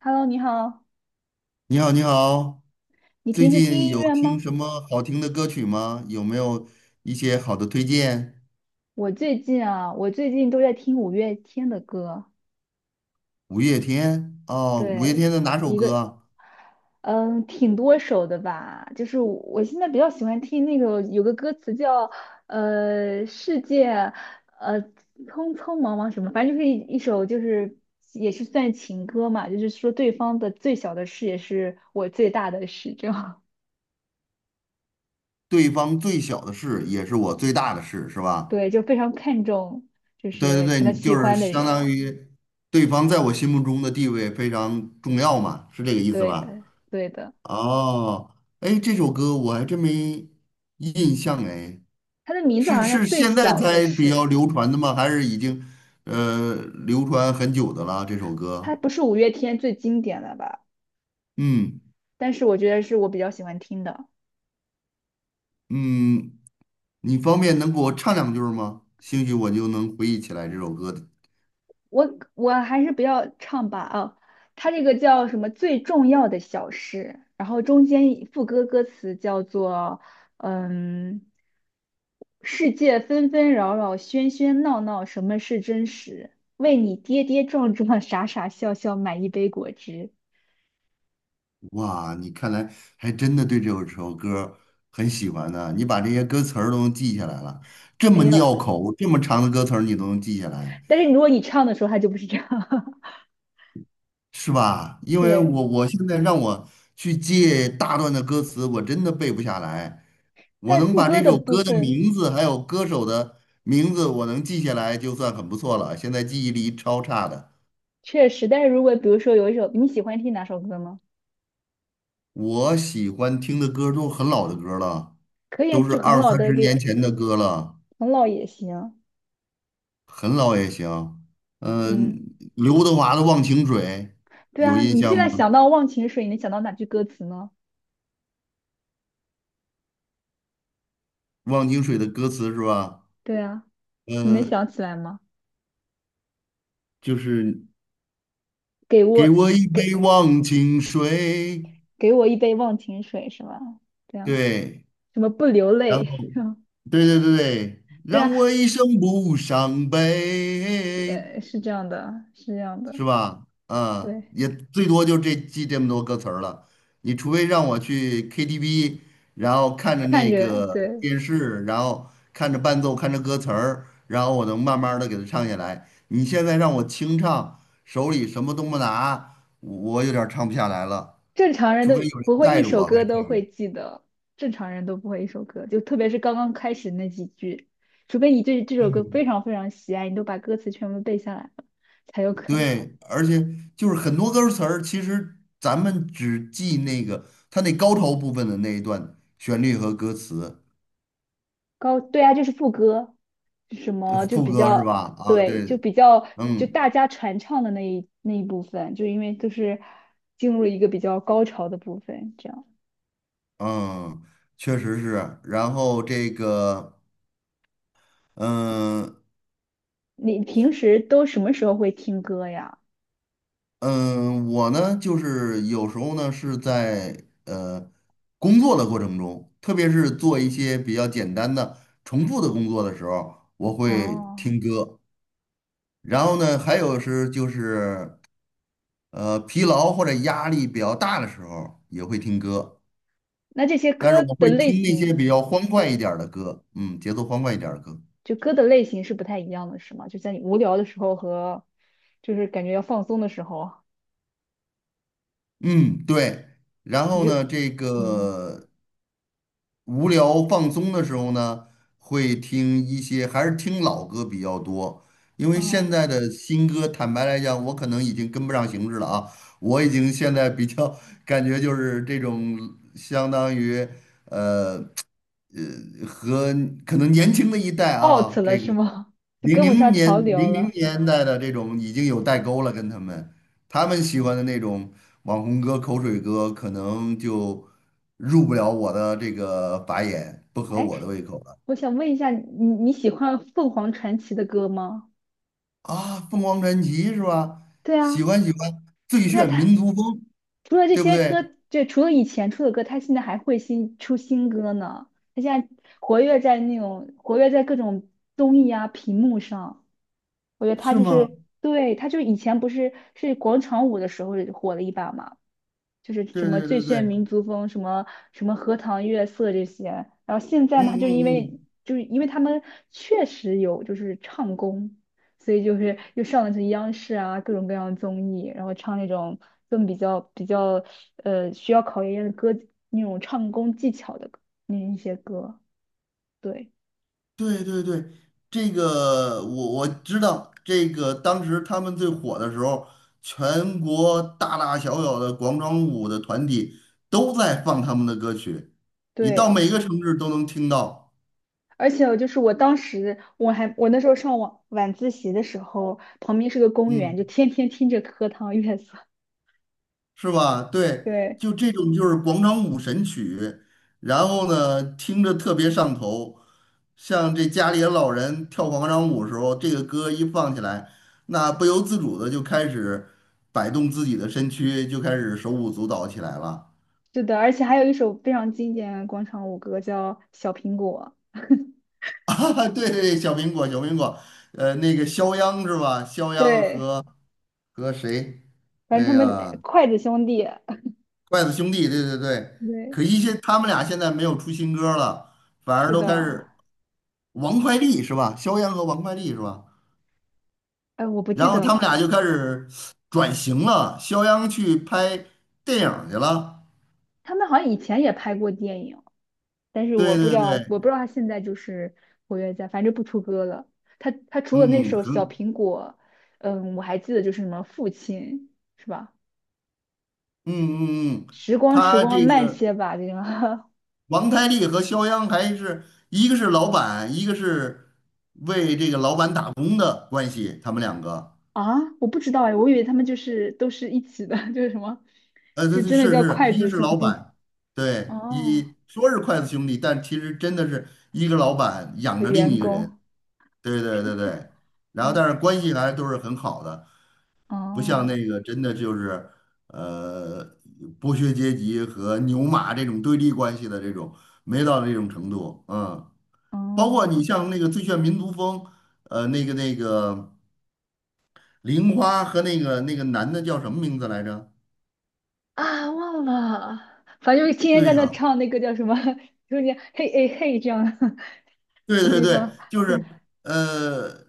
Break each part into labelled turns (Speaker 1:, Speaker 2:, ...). Speaker 1: Hello，你好，
Speaker 2: 你好，你好。
Speaker 1: 你
Speaker 2: 最
Speaker 1: 平时
Speaker 2: 近
Speaker 1: 听音
Speaker 2: 有
Speaker 1: 乐
Speaker 2: 听
Speaker 1: 吗？
Speaker 2: 什么好听的歌曲吗？有没有一些好的推荐？
Speaker 1: 我最近啊，我最近都在听五月天的歌，
Speaker 2: 五月天哦，五月
Speaker 1: 对，
Speaker 2: 天的哪首
Speaker 1: 一
Speaker 2: 歌
Speaker 1: 个，
Speaker 2: 啊？
Speaker 1: 嗯，挺多首的吧。就是我现在比较喜欢听那个有个歌词叫世界，呃匆匆忙忙什么，反正就是一首就是也是算情歌嘛，就是说对方的最小的事也是我最大的事，这样。
Speaker 2: 对方最小的事也是我最大的事，是 吧？
Speaker 1: 对，就非常看重就
Speaker 2: 对对
Speaker 1: 是
Speaker 2: 对，
Speaker 1: 可能
Speaker 2: 你
Speaker 1: 喜
Speaker 2: 就是
Speaker 1: 欢的
Speaker 2: 相当
Speaker 1: 人。
Speaker 2: 于对方在我心目中的地位非常重要嘛，是这个意思
Speaker 1: 对
Speaker 2: 吧？
Speaker 1: 的，对的，
Speaker 2: 哦，哎，这首歌我还真没印象哎。
Speaker 1: 他的名字好
Speaker 2: 是
Speaker 1: 像叫
Speaker 2: 是
Speaker 1: 《最
Speaker 2: 现在
Speaker 1: 小的
Speaker 2: 才比较
Speaker 1: 事》。
Speaker 2: 流传的吗？还是已经呃流传很久的了这首
Speaker 1: 他
Speaker 2: 歌？
Speaker 1: 不是五月天最经典的吧？
Speaker 2: 嗯
Speaker 1: 但是我觉得是我比较喜欢听的。
Speaker 2: 嗯，你方便能给我唱两句儿吗？兴许我就能回忆起来这首歌的。
Speaker 1: 我还是不要唱吧啊，他这个叫什么最重要的小事，然后中间一副歌歌词叫做嗯，世界纷纷扰扰，喧喧闹闹，什么是真实？为你跌跌撞撞，傻傻笑笑，买一杯果汁。
Speaker 2: 哇，你看来还真的对这首歌很喜欢呢。你把这些歌词儿都能记下来了，这么
Speaker 1: 没有，
Speaker 2: 拗口，这么长的歌词儿你都能记下来。
Speaker 1: 但是如果你唱的时候，他就不是这样。
Speaker 2: 是吧？因为
Speaker 1: 对，
Speaker 2: 我现在让我去记大段的歌词，我真的背不下来。我
Speaker 1: 但
Speaker 2: 能
Speaker 1: 副
Speaker 2: 把
Speaker 1: 歌
Speaker 2: 这
Speaker 1: 的
Speaker 2: 首
Speaker 1: 部
Speaker 2: 歌的
Speaker 1: 分
Speaker 2: 名字还有歌手的名字，我能记下来就算很不错了。现在记忆力超差的。
Speaker 1: 确实，但是如果比如说有一首你喜欢听哪首歌吗？
Speaker 2: 我喜欢听的歌都是很老的歌了，
Speaker 1: 可以啊，
Speaker 2: 都是
Speaker 1: 就很
Speaker 2: 二
Speaker 1: 老
Speaker 2: 三
Speaker 1: 的
Speaker 2: 十年
Speaker 1: 给，
Speaker 2: 前的歌了，
Speaker 1: 很老也行。
Speaker 2: 很老也行。
Speaker 1: 嗯，
Speaker 2: 嗯、刘德华的《忘情水》。
Speaker 1: 对
Speaker 2: 有
Speaker 1: 啊，
Speaker 2: 印
Speaker 1: 你现
Speaker 2: 象
Speaker 1: 在
Speaker 2: 吗？
Speaker 1: 想到《忘情水》，你能想到哪句歌词呢？
Speaker 2: 《忘情水》的歌词是吧？
Speaker 1: 对啊，你能
Speaker 2: 嗯，
Speaker 1: 想起来吗？
Speaker 2: 就是。
Speaker 1: 给
Speaker 2: 给
Speaker 1: 我
Speaker 2: 我一杯
Speaker 1: 给，
Speaker 2: 忘情水。
Speaker 1: 给我一杯忘情水是吧？对啊，
Speaker 2: 对，
Speaker 1: 什么不流
Speaker 2: 然
Speaker 1: 泪？
Speaker 2: 后，对对对对，
Speaker 1: 对
Speaker 2: 让
Speaker 1: 啊，
Speaker 2: 我一生不伤悲。
Speaker 1: 是这样的，是这样的。
Speaker 2: 是吧？啊，
Speaker 1: 对，
Speaker 2: 也最多就这记这么多歌词儿了。你除非让我去 KTV,然后看着
Speaker 1: 看
Speaker 2: 那
Speaker 1: 着
Speaker 2: 个
Speaker 1: 对，
Speaker 2: 电视，然后看着伴奏，看着歌词儿，然后我能慢慢的给它唱下来。你现在让我清唱，手里什么都不拿，我有点儿唱不下来了。
Speaker 1: 正常人
Speaker 2: 除
Speaker 1: 都
Speaker 2: 非有人
Speaker 1: 不会一
Speaker 2: 带着
Speaker 1: 首
Speaker 2: 我，还
Speaker 1: 歌
Speaker 2: 可
Speaker 1: 都会记得，正常人都不会一首歌，就特别是刚刚开始那几句，除非你对这首歌
Speaker 2: 以。
Speaker 1: 非常非常喜爱，你都把歌词全部背下来了，才有可能。
Speaker 2: 对，而且就是很多歌词儿，其实咱们只记那个它那高潮部分的那一段旋律和歌词，
Speaker 1: 高，对啊，就是副歌，什么就
Speaker 2: 副
Speaker 1: 比
Speaker 2: 歌是
Speaker 1: 较，
Speaker 2: 吧？啊，
Speaker 1: 对，
Speaker 2: 对，
Speaker 1: 就比较就大
Speaker 2: 嗯
Speaker 1: 家传唱的那一部分，就因为都是进入了一个比较高潮的部分，这样。
Speaker 2: 嗯，确实是。然后这个，嗯
Speaker 1: 你平时都什么时候会听歌呀？
Speaker 2: 嗯，我呢，就是有时候呢是在工作的过程中，特别是做一些比较简单的重复的工作的时候，我会
Speaker 1: 哦，
Speaker 2: 听歌。然后呢，还有是就是。呃，疲劳或者压力比较大的时候也会听歌，
Speaker 1: 那这些
Speaker 2: 但是
Speaker 1: 歌
Speaker 2: 我
Speaker 1: 的
Speaker 2: 会
Speaker 1: 类
Speaker 2: 听那
Speaker 1: 型。
Speaker 2: 些比较欢快一
Speaker 1: 对。
Speaker 2: 点儿的歌，嗯，节奏欢快一点儿的歌。
Speaker 1: 就歌的类型是不太一样的，是吗？就在你无聊的时候和就是感觉要放松的时候啊，
Speaker 2: 嗯，对。然
Speaker 1: 你
Speaker 2: 后
Speaker 1: 就
Speaker 2: 呢，这
Speaker 1: 嗯，
Speaker 2: 个无聊放松的时候呢，会听一些，还是听老歌比较多。因为现
Speaker 1: 哦，
Speaker 2: 在的新歌，坦白来讲，我可能已经跟不上形势了啊。我已经现在比较感觉就是这种相当于呃和可能年轻的一代
Speaker 1: out
Speaker 2: 啊，
Speaker 1: 了
Speaker 2: 这个。
Speaker 1: 是吗？就跟不上潮流
Speaker 2: 零零
Speaker 1: 了。
Speaker 2: 年代的这种已经有代沟了，跟他们喜欢的那种网红歌、口水歌，可能就入不了我的这个法眼，不合
Speaker 1: 哎，
Speaker 2: 我的胃口了
Speaker 1: 我想问一下，你喜欢凤凰传奇的歌吗？
Speaker 2: 啊。凤凰传奇是吧？
Speaker 1: 对
Speaker 2: 喜
Speaker 1: 啊，
Speaker 2: 欢喜欢，最
Speaker 1: 对啊，
Speaker 2: 炫
Speaker 1: 他
Speaker 2: 民族风，
Speaker 1: 除了这
Speaker 2: 对不
Speaker 1: 些
Speaker 2: 对？
Speaker 1: 歌，就除了以前出的歌，他现在还会新出新歌呢。他现在活跃在那种活跃在各种综艺啊、屏幕上。我觉得他
Speaker 2: 是
Speaker 1: 就
Speaker 2: 吗？
Speaker 1: 是，对，他就是以前不是是广场舞的时候火了一把嘛，就是什
Speaker 2: 对
Speaker 1: 么
Speaker 2: 对
Speaker 1: 最
Speaker 2: 对
Speaker 1: 炫
Speaker 2: 对，
Speaker 1: 民族风，什么什么荷塘月色这些。然后现在
Speaker 2: 嗯
Speaker 1: 呢，他就因
Speaker 2: 嗯嗯。
Speaker 1: 为就是因为他们确实有就是唱功，所以就是又上了这央视啊各种各样的综艺，然后唱那种更比较比较需要考验歌那种唱功技巧的歌那一些歌，对
Speaker 2: 对对对，这个我知道，这个当时他们最火的时候，全国大大小小的广场舞的团体都在放他们的歌曲，你到每
Speaker 1: 对。
Speaker 2: 个城市都能听到。
Speaker 1: 而且就是我当时，我还我那时候上晚自习的时候，旁边是个公园，
Speaker 2: 嗯，
Speaker 1: 就天天听着荷塘月色。
Speaker 2: 是吧？对，
Speaker 1: 对，
Speaker 2: 就这种就是广场舞神曲，然后呢，听着特别上头，像这家里的老人跳广场舞的时候，这个歌一放起来，那不由自主的就开始摆动自己的身躯，就开始手舞足蹈起来了。
Speaker 1: 是的，而且还有一首非常经典的广场舞歌叫《小苹果》。
Speaker 2: 啊，对对，小苹果，小苹果，呃，那个肖央是吧？肖央
Speaker 1: 对，
Speaker 2: 和和谁？
Speaker 1: 反正他
Speaker 2: 哎
Speaker 1: 们
Speaker 2: 呀，
Speaker 1: 筷子兄弟。
Speaker 2: 筷子兄弟，对对对。
Speaker 1: 对，
Speaker 2: 可惜他们俩现在没有出新歌了，反而
Speaker 1: 是
Speaker 2: 都开
Speaker 1: 的，
Speaker 2: 始，王快利是吧？肖央和王快利是吧？
Speaker 1: 哎，我不记
Speaker 2: 然后
Speaker 1: 得
Speaker 2: 他们俩
Speaker 1: 了，
Speaker 2: 就开始转型了，肖央去拍电影儿去了。
Speaker 1: 他们好像以前也拍过电影，但是我
Speaker 2: 对
Speaker 1: 不知
Speaker 2: 对
Speaker 1: 道，我不
Speaker 2: 对，
Speaker 1: 知道他现在就是活跃在，反正不出歌了。他他除了那
Speaker 2: 嗯，
Speaker 1: 首《小
Speaker 2: 很，
Speaker 1: 苹果》，嗯，我还记得就是什么《父亲》，是吧？
Speaker 2: 嗯嗯嗯，
Speaker 1: 时光时
Speaker 2: 他
Speaker 1: 光
Speaker 2: 这
Speaker 1: 慢
Speaker 2: 个
Speaker 1: 些吧，这个。
Speaker 2: 王太利和肖央还是一个是老板，一个是为这个老板打工的关系，他们两个，
Speaker 1: 啊，我不知道哎，我以为他们就是都是一起的。就是什么，就
Speaker 2: 对对
Speaker 1: 真的
Speaker 2: 是
Speaker 1: 叫
Speaker 2: 是，
Speaker 1: 筷
Speaker 2: 一个
Speaker 1: 子
Speaker 2: 是
Speaker 1: 兄
Speaker 2: 老
Speaker 1: 弟。
Speaker 2: 板，对，
Speaker 1: 哦，
Speaker 2: 一说是筷子兄弟，但其实真的是一个老板养
Speaker 1: 和
Speaker 2: 着另
Speaker 1: 员
Speaker 2: 一个人。
Speaker 1: 工，
Speaker 2: 对对对对，然后
Speaker 1: 哦，
Speaker 2: 但是关系还都是很好的。不像
Speaker 1: 哦，
Speaker 2: 那个真的就是呃剥削阶级和牛马这种对立关系的这种，没到那种程度。嗯，包括你
Speaker 1: 哦，
Speaker 2: 像那个《最炫民族风》，呃，那个玲花和那个男的叫什么名字来着？
Speaker 1: 啊，忘了，反正就是天天在
Speaker 2: 对
Speaker 1: 那
Speaker 2: 呀、
Speaker 1: 唱那个叫什么，中间嘿哎嘿这样的
Speaker 2: 对对
Speaker 1: 地
Speaker 2: 对，
Speaker 1: 方，
Speaker 2: 就是呃。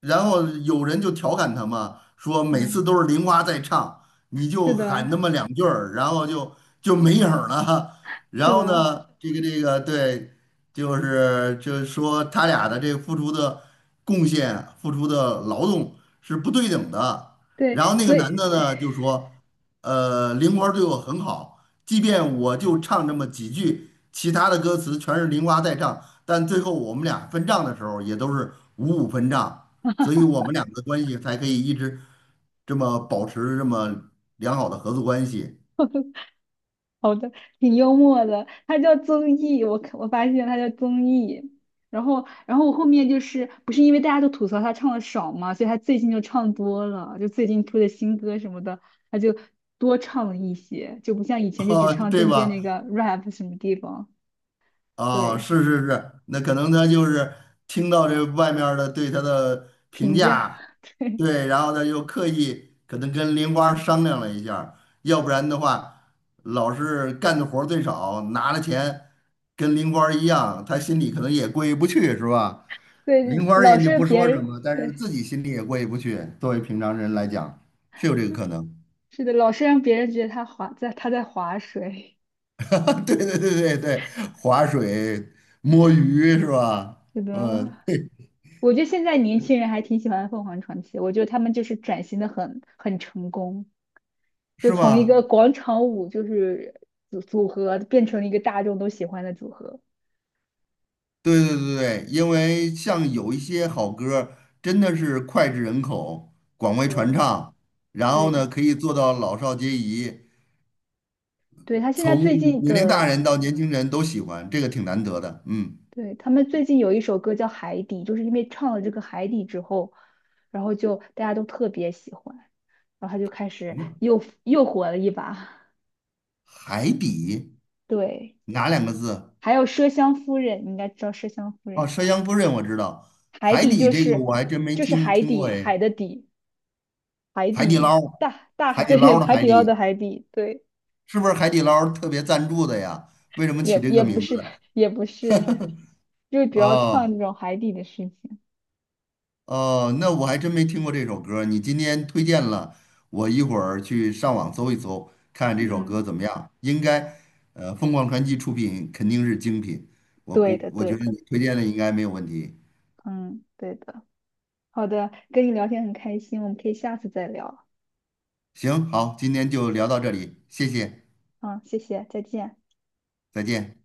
Speaker 2: 然后有人就调侃他嘛，说每次
Speaker 1: 嗯，
Speaker 2: 都是玲花在唱，你
Speaker 1: 是
Speaker 2: 就喊
Speaker 1: 的，
Speaker 2: 那么两句儿，然后就就没影儿了。然
Speaker 1: 是
Speaker 2: 后
Speaker 1: 的，
Speaker 2: 呢，这个对，就是说他俩的这个付出的贡献、付出的劳动是不对等的。
Speaker 1: 对，
Speaker 2: 然后那个
Speaker 1: 所以。
Speaker 2: 男的呢就说，呃，玲花对我很好，即便我就唱这么几句，其他的歌词全是玲花在唱，但最后我们俩分账的时候也都是五五分账。所以我们两个关系才可以一直这么保持这么良好的合作关系。
Speaker 1: 好的，挺幽默的，他叫综艺，我看我发现他叫综艺，然后我后面就是不是因为大家都吐槽他唱的少嘛，所以他最近就唱多了，就最近出的新歌什么的，他就多唱了一些，就不像以 前就只
Speaker 2: 哈，
Speaker 1: 唱
Speaker 2: 对
Speaker 1: 中间那
Speaker 2: 吧？
Speaker 1: 个 rap 什么地方，
Speaker 2: 啊，
Speaker 1: 对，
Speaker 2: 是是是，那可能他就是听到这外面儿的对他的评
Speaker 1: 评价，
Speaker 2: 价，
Speaker 1: 对
Speaker 2: 对，然后他又刻意可能跟林花商量了一下儿，要不然的话，老是干的活儿最少，拿了钱跟林花一样，他心里可能也过意不去，是吧？
Speaker 1: 对，
Speaker 2: 林花
Speaker 1: 老
Speaker 2: 人家
Speaker 1: 是
Speaker 2: 不
Speaker 1: 别
Speaker 2: 说什
Speaker 1: 人，
Speaker 2: 么，但是
Speaker 1: 对，
Speaker 2: 自己心里也过意不去。作为平常人来讲，是有这个可能。
Speaker 1: 是的，老是让别人觉得他划在他在划水，
Speaker 2: 对对对对对，划水、摸鱼是吧？
Speaker 1: 是
Speaker 2: 嗯，
Speaker 1: 的。
Speaker 2: 对，
Speaker 1: 我觉得现在年轻人还挺喜欢凤凰传奇，我觉得他们就是转型的很很成功，就
Speaker 2: 是
Speaker 1: 从一个
Speaker 2: 吧？
Speaker 1: 广场舞就是组合变成了一个大众都喜欢的组合。
Speaker 2: 对对对对，因为像有一些好歌儿真的是脍炙人口，广为传
Speaker 1: 对，
Speaker 2: 唱，然
Speaker 1: 对
Speaker 2: 后
Speaker 1: 的，
Speaker 2: 呢，可以做到老少皆宜，
Speaker 1: 对他现在
Speaker 2: 从
Speaker 1: 最近
Speaker 2: 年龄大
Speaker 1: 的，
Speaker 2: 人到年轻人都喜欢，这个挺难得的。嗯，
Speaker 1: 对他们最近有一首歌叫《海底》，就是因为唱了这个《海底》之后，然后就大家都特别喜欢，然后他就开
Speaker 2: 什
Speaker 1: 始
Speaker 2: 么
Speaker 1: 又火了一把。
Speaker 2: 海底，
Speaker 1: 对，
Speaker 2: 哪两个字？
Speaker 1: 还有《麝香夫人》，你应该知道《麝香夫人》。
Speaker 2: 哦，《山香夫人》我知道，
Speaker 1: 海
Speaker 2: 海
Speaker 1: 底
Speaker 2: 底
Speaker 1: 就
Speaker 2: 这个
Speaker 1: 是
Speaker 2: 我还真没
Speaker 1: 就是
Speaker 2: 听
Speaker 1: 海
Speaker 2: 听过
Speaker 1: 底
Speaker 2: 哎。
Speaker 1: 海的底海
Speaker 2: 海底
Speaker 1: 底
Speaker 2: 捞，
Speaker 1: 大大海。
Speaker 2: 海 底
Speaker 1: 对
Speaker 2: 捞的
Speaker 1: 海
Speaker 2: 海
Speaker 1: 底捞的
Speaker 2: 底，
Speaker 1: 海底对
Speaker 2: 是不是海底捞特别赞助的呀？为什么起
Speaker 1: 也
Speaker 2: 这个
Speaker 1: 也不
Speaker 2: 名
Speaker 1: 是
Speaker 2: 字？
Speaker 1: 也不是，就主要唱这
Speaker 2: 哦。
Speaker 1: 种海底的事情。
Speaker 2: 哦，那我还真没听过这首歌，你今天推荐了，我一会儿去上网搜一搜，看看这首歌
Speaker 1: 嗯，
Speaker 2: 怎么样。应该，呃，凤凰传奇出品肯定是精品，
Speaker 1: 对的
Speaker 2: 我
Speaker 1: 对
Speaker 2: 觉得
Speaker 1: 的，
Speaker 2: 你推荐的应该没有问题。
Speaker 1: 嗯对的。好的，跟你聊天很开心，我们可以下次再聊。
Speaker 2: 行，好，今天就聊到这里，谢谢，
Speaker 1: 嗯，谢谢，再见。
Speaker 2: 再见。